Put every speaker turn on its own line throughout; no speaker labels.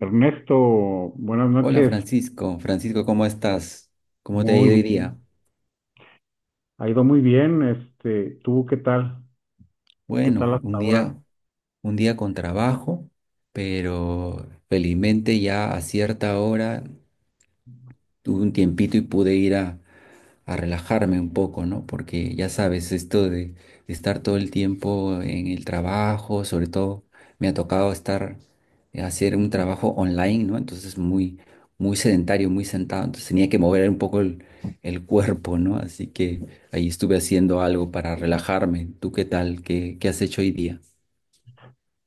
Ernesto, buenas
Hola
noches.
Francisco, Francisco, ¿cómo estás? ¿Cómo te ha
Muy
ido hoy
bien.
día?
Ha ido muy bien. ¿Tú qué tal? ¿Qué tal
Bueno,
hasta
un
ahora?
día, un día con trabajo, pero felizmente ya a cierta hora tuve un tiempito y pude ir a relajarme un poco, ¿no? Porque ya sabes, esto de estar todo el tiempo en el trabajo, sobre todo me ha tocado estar, hacer un trabajo online, ¿no? Entonces muy, muy sedentario, muy sentado, entonces tenía que mover un poco el cuerpo, ¿no? Así que ahí estuve haciendo algo para relajarme. ¿Tú qué tal? ¿Qué has hecho hoy día?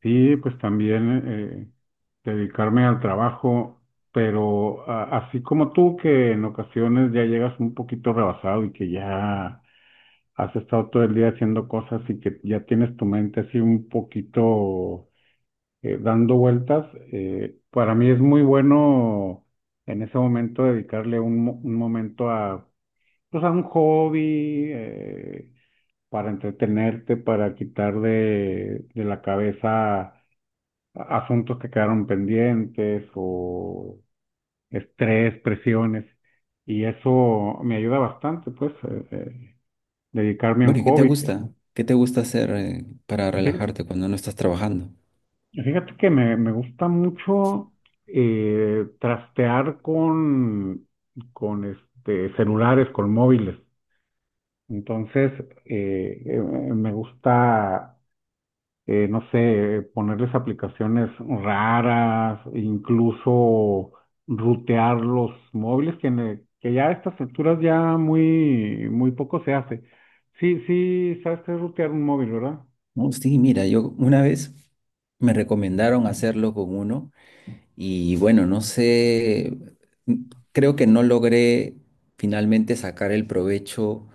Sí, pues también dedicarme al trabajo, pero así como tú, que en ocasiones ya llegas un poquito rebasado y que ya has estado todo el día haciendo cosas y que ya tienes tu mente así un poquito dando vueltas. Para mí es muy bueno en ese momento dedicarle un momento a, o sea, un hobby, para entretenerte, para quitar de la cabeza asuntos que quedaron pendientes o estrés, presiones. Y eso me ayuda bastante, pues, dedicarme a un
Bueno, ¿y qué te
hobby.
gusta? ¿Qué te gusta hacer para
Fíjate,
relajarte cuando no estás trabajando?
fíjate que me gusta mucho, trastear con este, celulares, con móviles. Entonces, me gusta, no sé, ponerles aplicaciones raras, incluso rutear los móviles, que, que ya a estas alturas ya muy, muy poco se hace. Sí, sí, sabes qué es rutear un móvil, ¿verdad?
No, sí, mira, yo una vez me recomendaron hacerlo con uno y bueno, no sé, creo que no logré finalmente sacar el provecho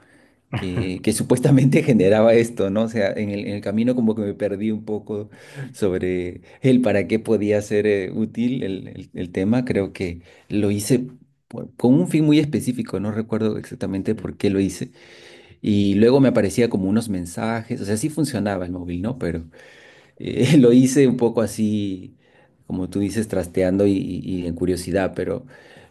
que supuestamente generaba esto, ¿no? O sea, en el camino como que me perdí un poco sobre el para qué podía ser útil el tema. Creo que lo hice con un fin muy específico, no recuerdo exactamente por qué lo hice. Y luego me aparecía como unos mensajes, o sea, sí funcionaba el móvil, ¿no? Pero lo hice un poco así, como tú dices, trasteando y en curiosidad,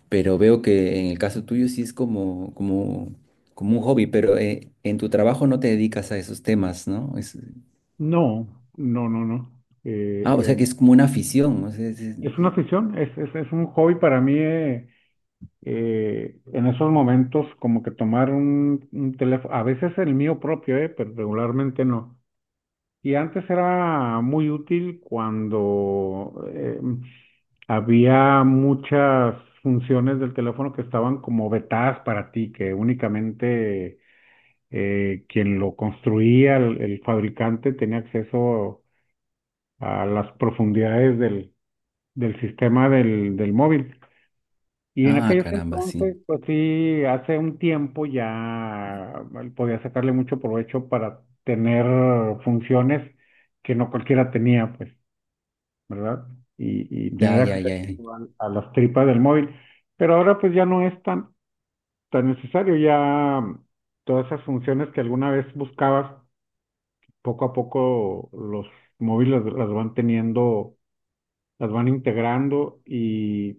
pero veo que en el caso tuyo sí es como un hobby, pero en tu trabajo no te dedicas a esos temas, ¿no?
No, no, no, no.
Ah, o sea que
Eh,
es como una afición. O sea,
es una afición, es un hobby para mí. En esos momentos, como que tomar un teléfono, a veces el mío propio, pero regularmente no. Y antes era muy útil cuando había muchas funciones del teléfono que estaban como vetadas para ti, que únicamente quien lo construía, el fabricante, tenía acceso a las profundidades del sistema del móvil. Y en
ah,
aquellos
caramba, sí.
entonces, pues sí, hace un tiempo ya podía sacarle mucho provecho para tener funciones que no cualquiera tenía, pues. ¿Verdad? Y
Ya,
tener
ya,
acceso
ya, ya.
a las tripas del móvil. Pero ahora pues ya no es tan necesario, ya todas esas funciones que alguna vez buscabas, poco a poco los móviles las van teniendo, las van integrando y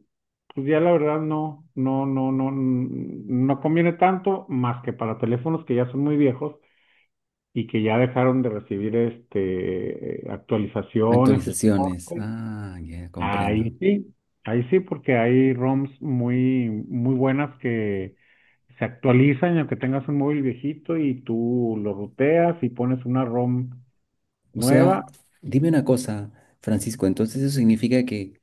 pues ya la verdad no, mm, no conviene tanto más que para teléfonos que ya son muy viejos y que ya dejaron de recibir este actualizaciones y
Actualizaciones.
soporte.
Ah, ya comprendo.
Ahí sí, ahí sí, porque hay ROMs muy, muy buenas que se actualizan, y aunque tengas un móvil viejito y tú lo ruteas y pones una ROM
O sea,
nueva,
dime una cosa, Francisco, entonces eso significa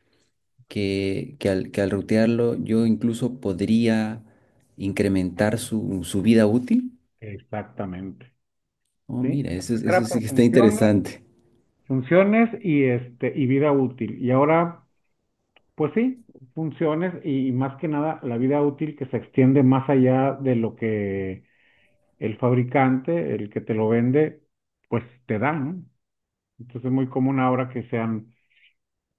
que al rutearlo yo incluso podría incrementar su, su vida útil.
exactamente,
Oh,
¿sí?
mira, eso,
Antes era
eso sí
por
que está
funciones,
interesante.
funciones y este, y vida útil. Y ahora, pues sí, funciones y más que nada la vida útil que se extiende más allá de lo que el fabricante, el que te lo vende, pues te da, ¿no? Entonces es muy común ahora que sean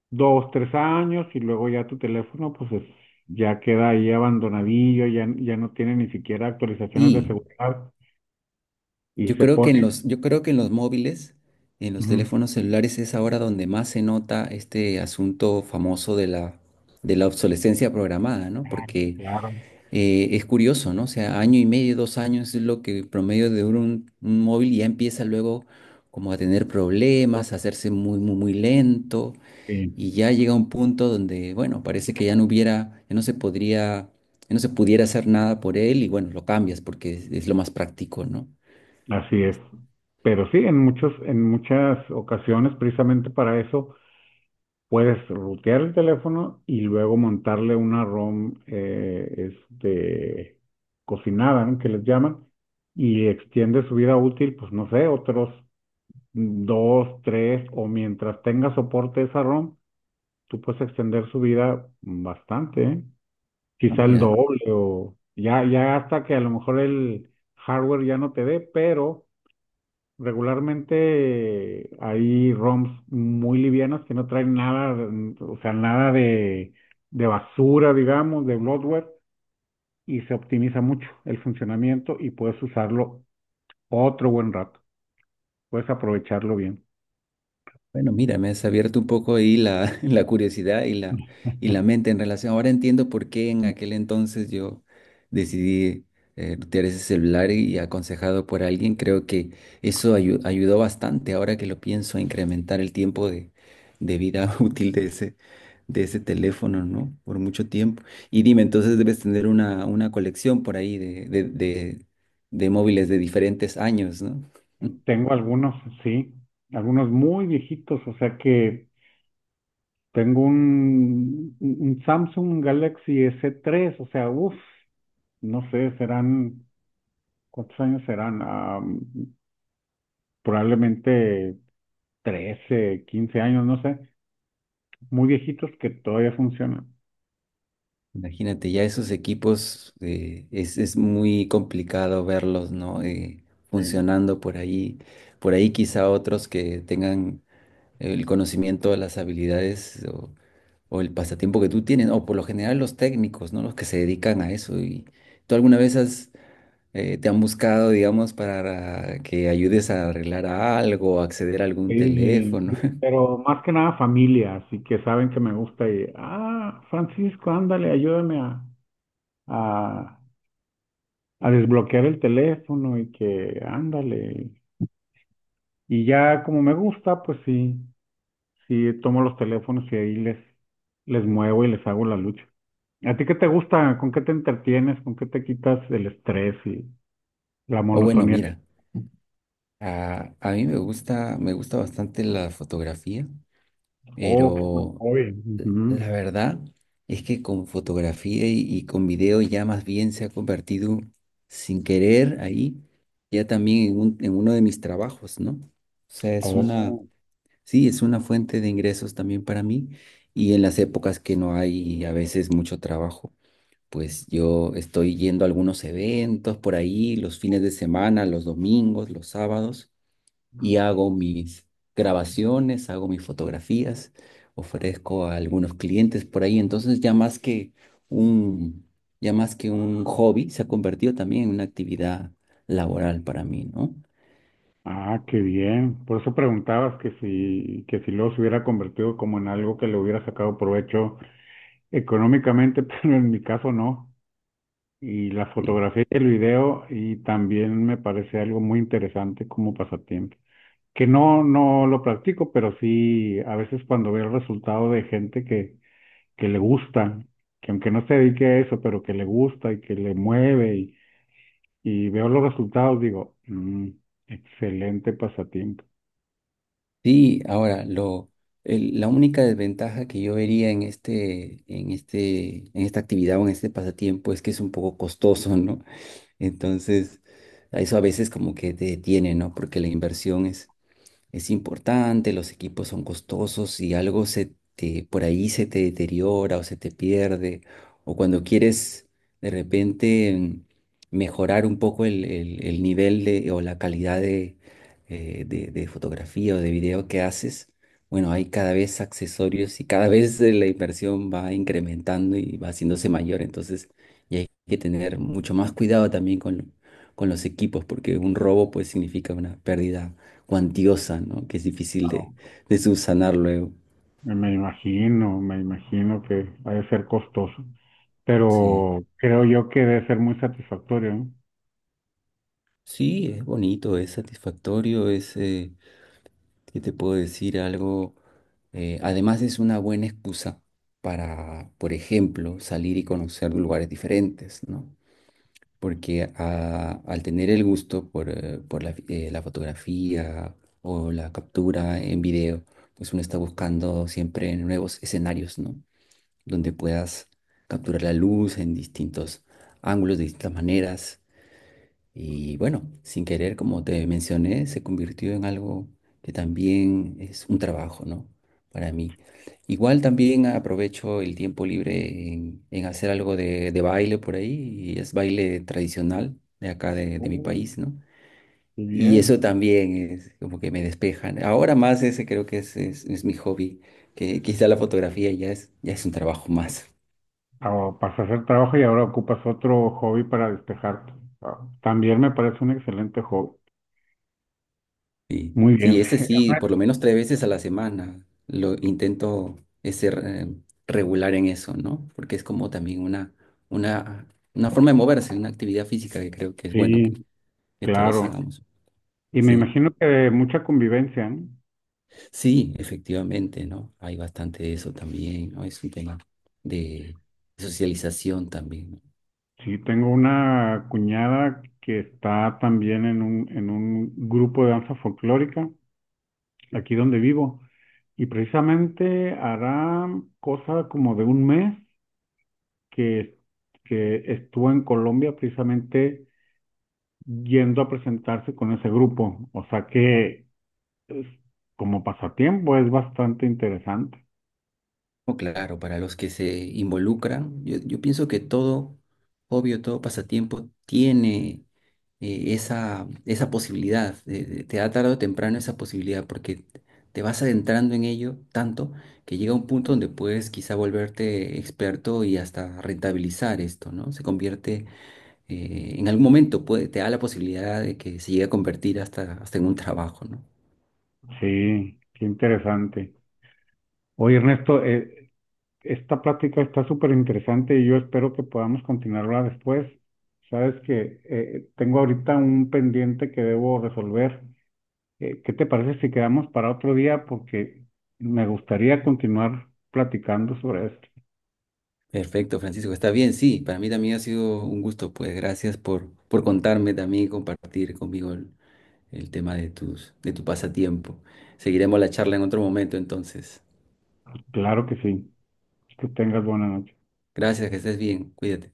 dos, tres años y luego ya tu teléfono ya queda ahí abandonadillo, ya, ya no tiene ni siquiera actualizaciones de
Sí,
seguridad y se pone...
yo creo que en los móviles, en los
Ujú.
teléfonos celulares es ahora donde más se nota este asunto famoso de la obsolescencia programada, ¿no?
Ah,
Porque
claro,
es curioso, ¿no? O sea, año y medio, 2 años es lo que promedio de un móvil y ya empieza luego como a tener problemas, a hacerse muy, muy, muy lento.
sí,
Y ya llega un punto donde, bueno, parece que ya no hubiera, ya no se podría, ya no se pudiera hacer nada por él y bueno, lo cambias porque es lo más práctico, ¿no?
así es. Pero sí, en muchos, en muchas ocasiones, precisamente para eso, puedes rutear el teléfono y luego montarle una ROM, cocinada, ¿no? Que les llaman, y extiende su vida útil, pues no sé, otros dos, tres, o mientras tenga soporte esa ROM, tú puedes extender su vida bastante, ¿eh?
Ah,
Quizá el
mira,
doble o ya, ya hasta que a lo mejor el hardware ya no te dé, pero regularmente hay ROMs muy livianas que no traen nada, mm, o sea, nada de basura, digamos, de bloatware, y se optimiza mucho el funcionamiento y puedes usarlo otro buen rato, puedes aprovecharlo bien.
bueno, mira, me has abierto un poco ahí la, la curiosidad y la mente en relación. Ahora entiendo por qué en aquel entonces yo decidí retirar ese celular y aconsejado por alguien. Creo que eso ayudó bastante ahora que lo pienso a incrementar el tiempo de vida útil de ese teléfono, ¿no? Por mucho tiempo. Y dime, entonces debes tener una colección por ahí de móviles de diferentes años, ¿no?
Tengo algunos, sí, algunos muy viejitos, o sea que tengo un Samsung Galaxy S3, o sea, uff, no sé, serán, ¿cuántos años serán? Ah, probablemente 13 15 años, no sé, muy viejitos que todavía funcionan.
Imagínate, ya esos equipos es muy complicado verlos, ¿no?
Sí.
Funcionando por ahí. Por ahí quizá otros que tengan el conocimiento, las habilidades o el pasatiempo que tú tienes, o por lo general los técnicos, ¿no? Los que se dedican a eso. ¿Y tú alguna vez te han buscado, digamos, para que ayudes a arreglar algo, acceder a
Sí,
algún teléfono?
sí, pero más que nada familia, así que saben que me gusta y, ah, Francisco, ándale, ayúdame a a desbloquear el teléfono y que ándale. Y ya como me gusta, pues sí, sí tomo los teléfonos y ahí les, les muevo y les hago la lucha. ¿A ti qué te gusta? ¿Con qué te entretienes? ¿Con qué te quitas el estrés y la
O bueno,
monotonía
mira,
del...
a mí me gusta bastante la fotografía.
Oh, qué buen
Pero
hobby. Ujú.
la verdad es que con fotografía y con video ya más bien se ha convertido sin querer ahí, ya también en, en uno de mis trabajos, ¿no? O sea, es una,
Oh,
sí, es una fuente de ingresos también para mí y en las épocas que no hay a veces mucho trabajo, pues yo estoy yendo a algunos eventos por ahí, los fines de semana, los domingos, los sábados y hago mis grabaciones, hago mis fotografías, ofrezco a algunos clientes por ahí. Entonces ya más un, que un hobby, se ha convertido también en una actividad laboral para mí, ¿no?
ah, qué bien. Por eso preguntabas que si luego se hubiera convertido como en algo que le hubiera sacado provecho económicamente, pero en mi caso no. Y la
Sí.
fotografía y el video, y también me parece algo muy interesante como pasatiempo, que no, no lo practico, pero sí a veces cuando veo el resultado de gente que le gusta, que aunque no se dedique a eso, pero que le gusta y que le mueve y veo los resultados, digo, "Mm, excelente pasatiempo".
Sí, ahora lo la única desventaja que yo vería en esta actividad o en este pasatiempo es que es un poco costoso, ¿no? Entonces, a eso a veces como que te detiene, ¿no? Porque la inversión es importante, los equipos son costosos y algo se te, por ahí se te deteriora o se te pierde, o cuando quieres de repente mejorar un poco el nivel de, o la calidad de fotografía o de video que haces, bueno, hay cada vez accesorios y cada vez la inversión va incrementando y va haciéndose mayor, entonces y hay que tener mucho más cuidado también con los equipos, porque un robo pues significa una pérdida cuantiosa, ¿no? Que es difícil
Wow.
de subsanar luego.
Me imagino, me imagino que ha de ser costoso,
Sí,
pero creo yo que debe ser muy satisfactorio, ¿no?
sí, es bonito, es satisfactorio, ¿qué te puedo decir? Algo, además es una buena excusa para, por ejemplo, salir y conocer lugares diferentes, ¿no? Porque al tener el gusto por la fotografía o la captura en video, pues uno está buscando siempre nuevos escenarios, ¿no? Donde puedas capturar la luz en distintos ángulos, de distintas maneras. Y bueno, sin querer, como te mencioné, se convirtió en algo que también es un trabajo, ¿no? Para mí. Igual también aprovecho el tiempo libre en hacer algo de baile por ahí, y es baile tradicional de acá de mi país,
Mm.
¿no?
Muy
Y eso
bien.
también es como que me despejan. Ahora más ese creo que es mi hobby, que quizá la fotografía ya es un trabajo más.
O para hacer trabajo y ahora ocupas otro hobby para despejarte. Ah, también me parece un excelente hobby.
Sí,
Muy
sí,
bien.
ese sí, por lo menos tres veces a la semana lo intento ser regular en eso, ¿no? Porque es como también una, una forma de moverse, una actividad física que creo que es bueno
Sí,
que todos
claro.
hagamos.
Y me
Sí,
imagino que mucha convivencia, ¿no?
sí, efectivamente, ¿no? Hay bastante de eso también, ¿no? Es un tema de socialización también.
Sí, tengo una cuñada que está también en en un grupo de danza folclórica, aquí donde vivo, y precisamente hará cosa como de un mes que, que estuvo en Colombia precisamente yendo a presentarse con ese grupo. O sea que es- como pasatiempo es bastante interesante.
No, claro, para los que se involucran, yo pienso que todo, obvio, todo pasatiempo tiene esa posibilidad, te da tarde o temprano esa posibilidad, porque te vas adentrando en ello tanto que llega un punto donde puedes quizá volverte experto y hasta rentabilizar esto, ¿no? Se convierte, en algún momento puede, te da la posibilidad de que se llegue a convertir hasta, hasta en un trabajo, ¿no?
Sí, qué interesante. Oye, Ernesto, esta plática está súper interesante y yo espero que podamos continuarla después. Sabes que tengo ahorita un pendiente que debo resolver. ¿Qué te parece si quedamos para otro día? Porque me gustaría continuar platicando sobre esto.
Perfecto, Francisco, está bien, sí, para mí también ha sido un gusto, pues gracias por contarme también y compartir conmigo el tema de tu pasatiempo. Seguiremos la charla en otro momento, entonces.
Claro que sí. Que tengas buena noche.
Gracias, que estés bien, cuídate.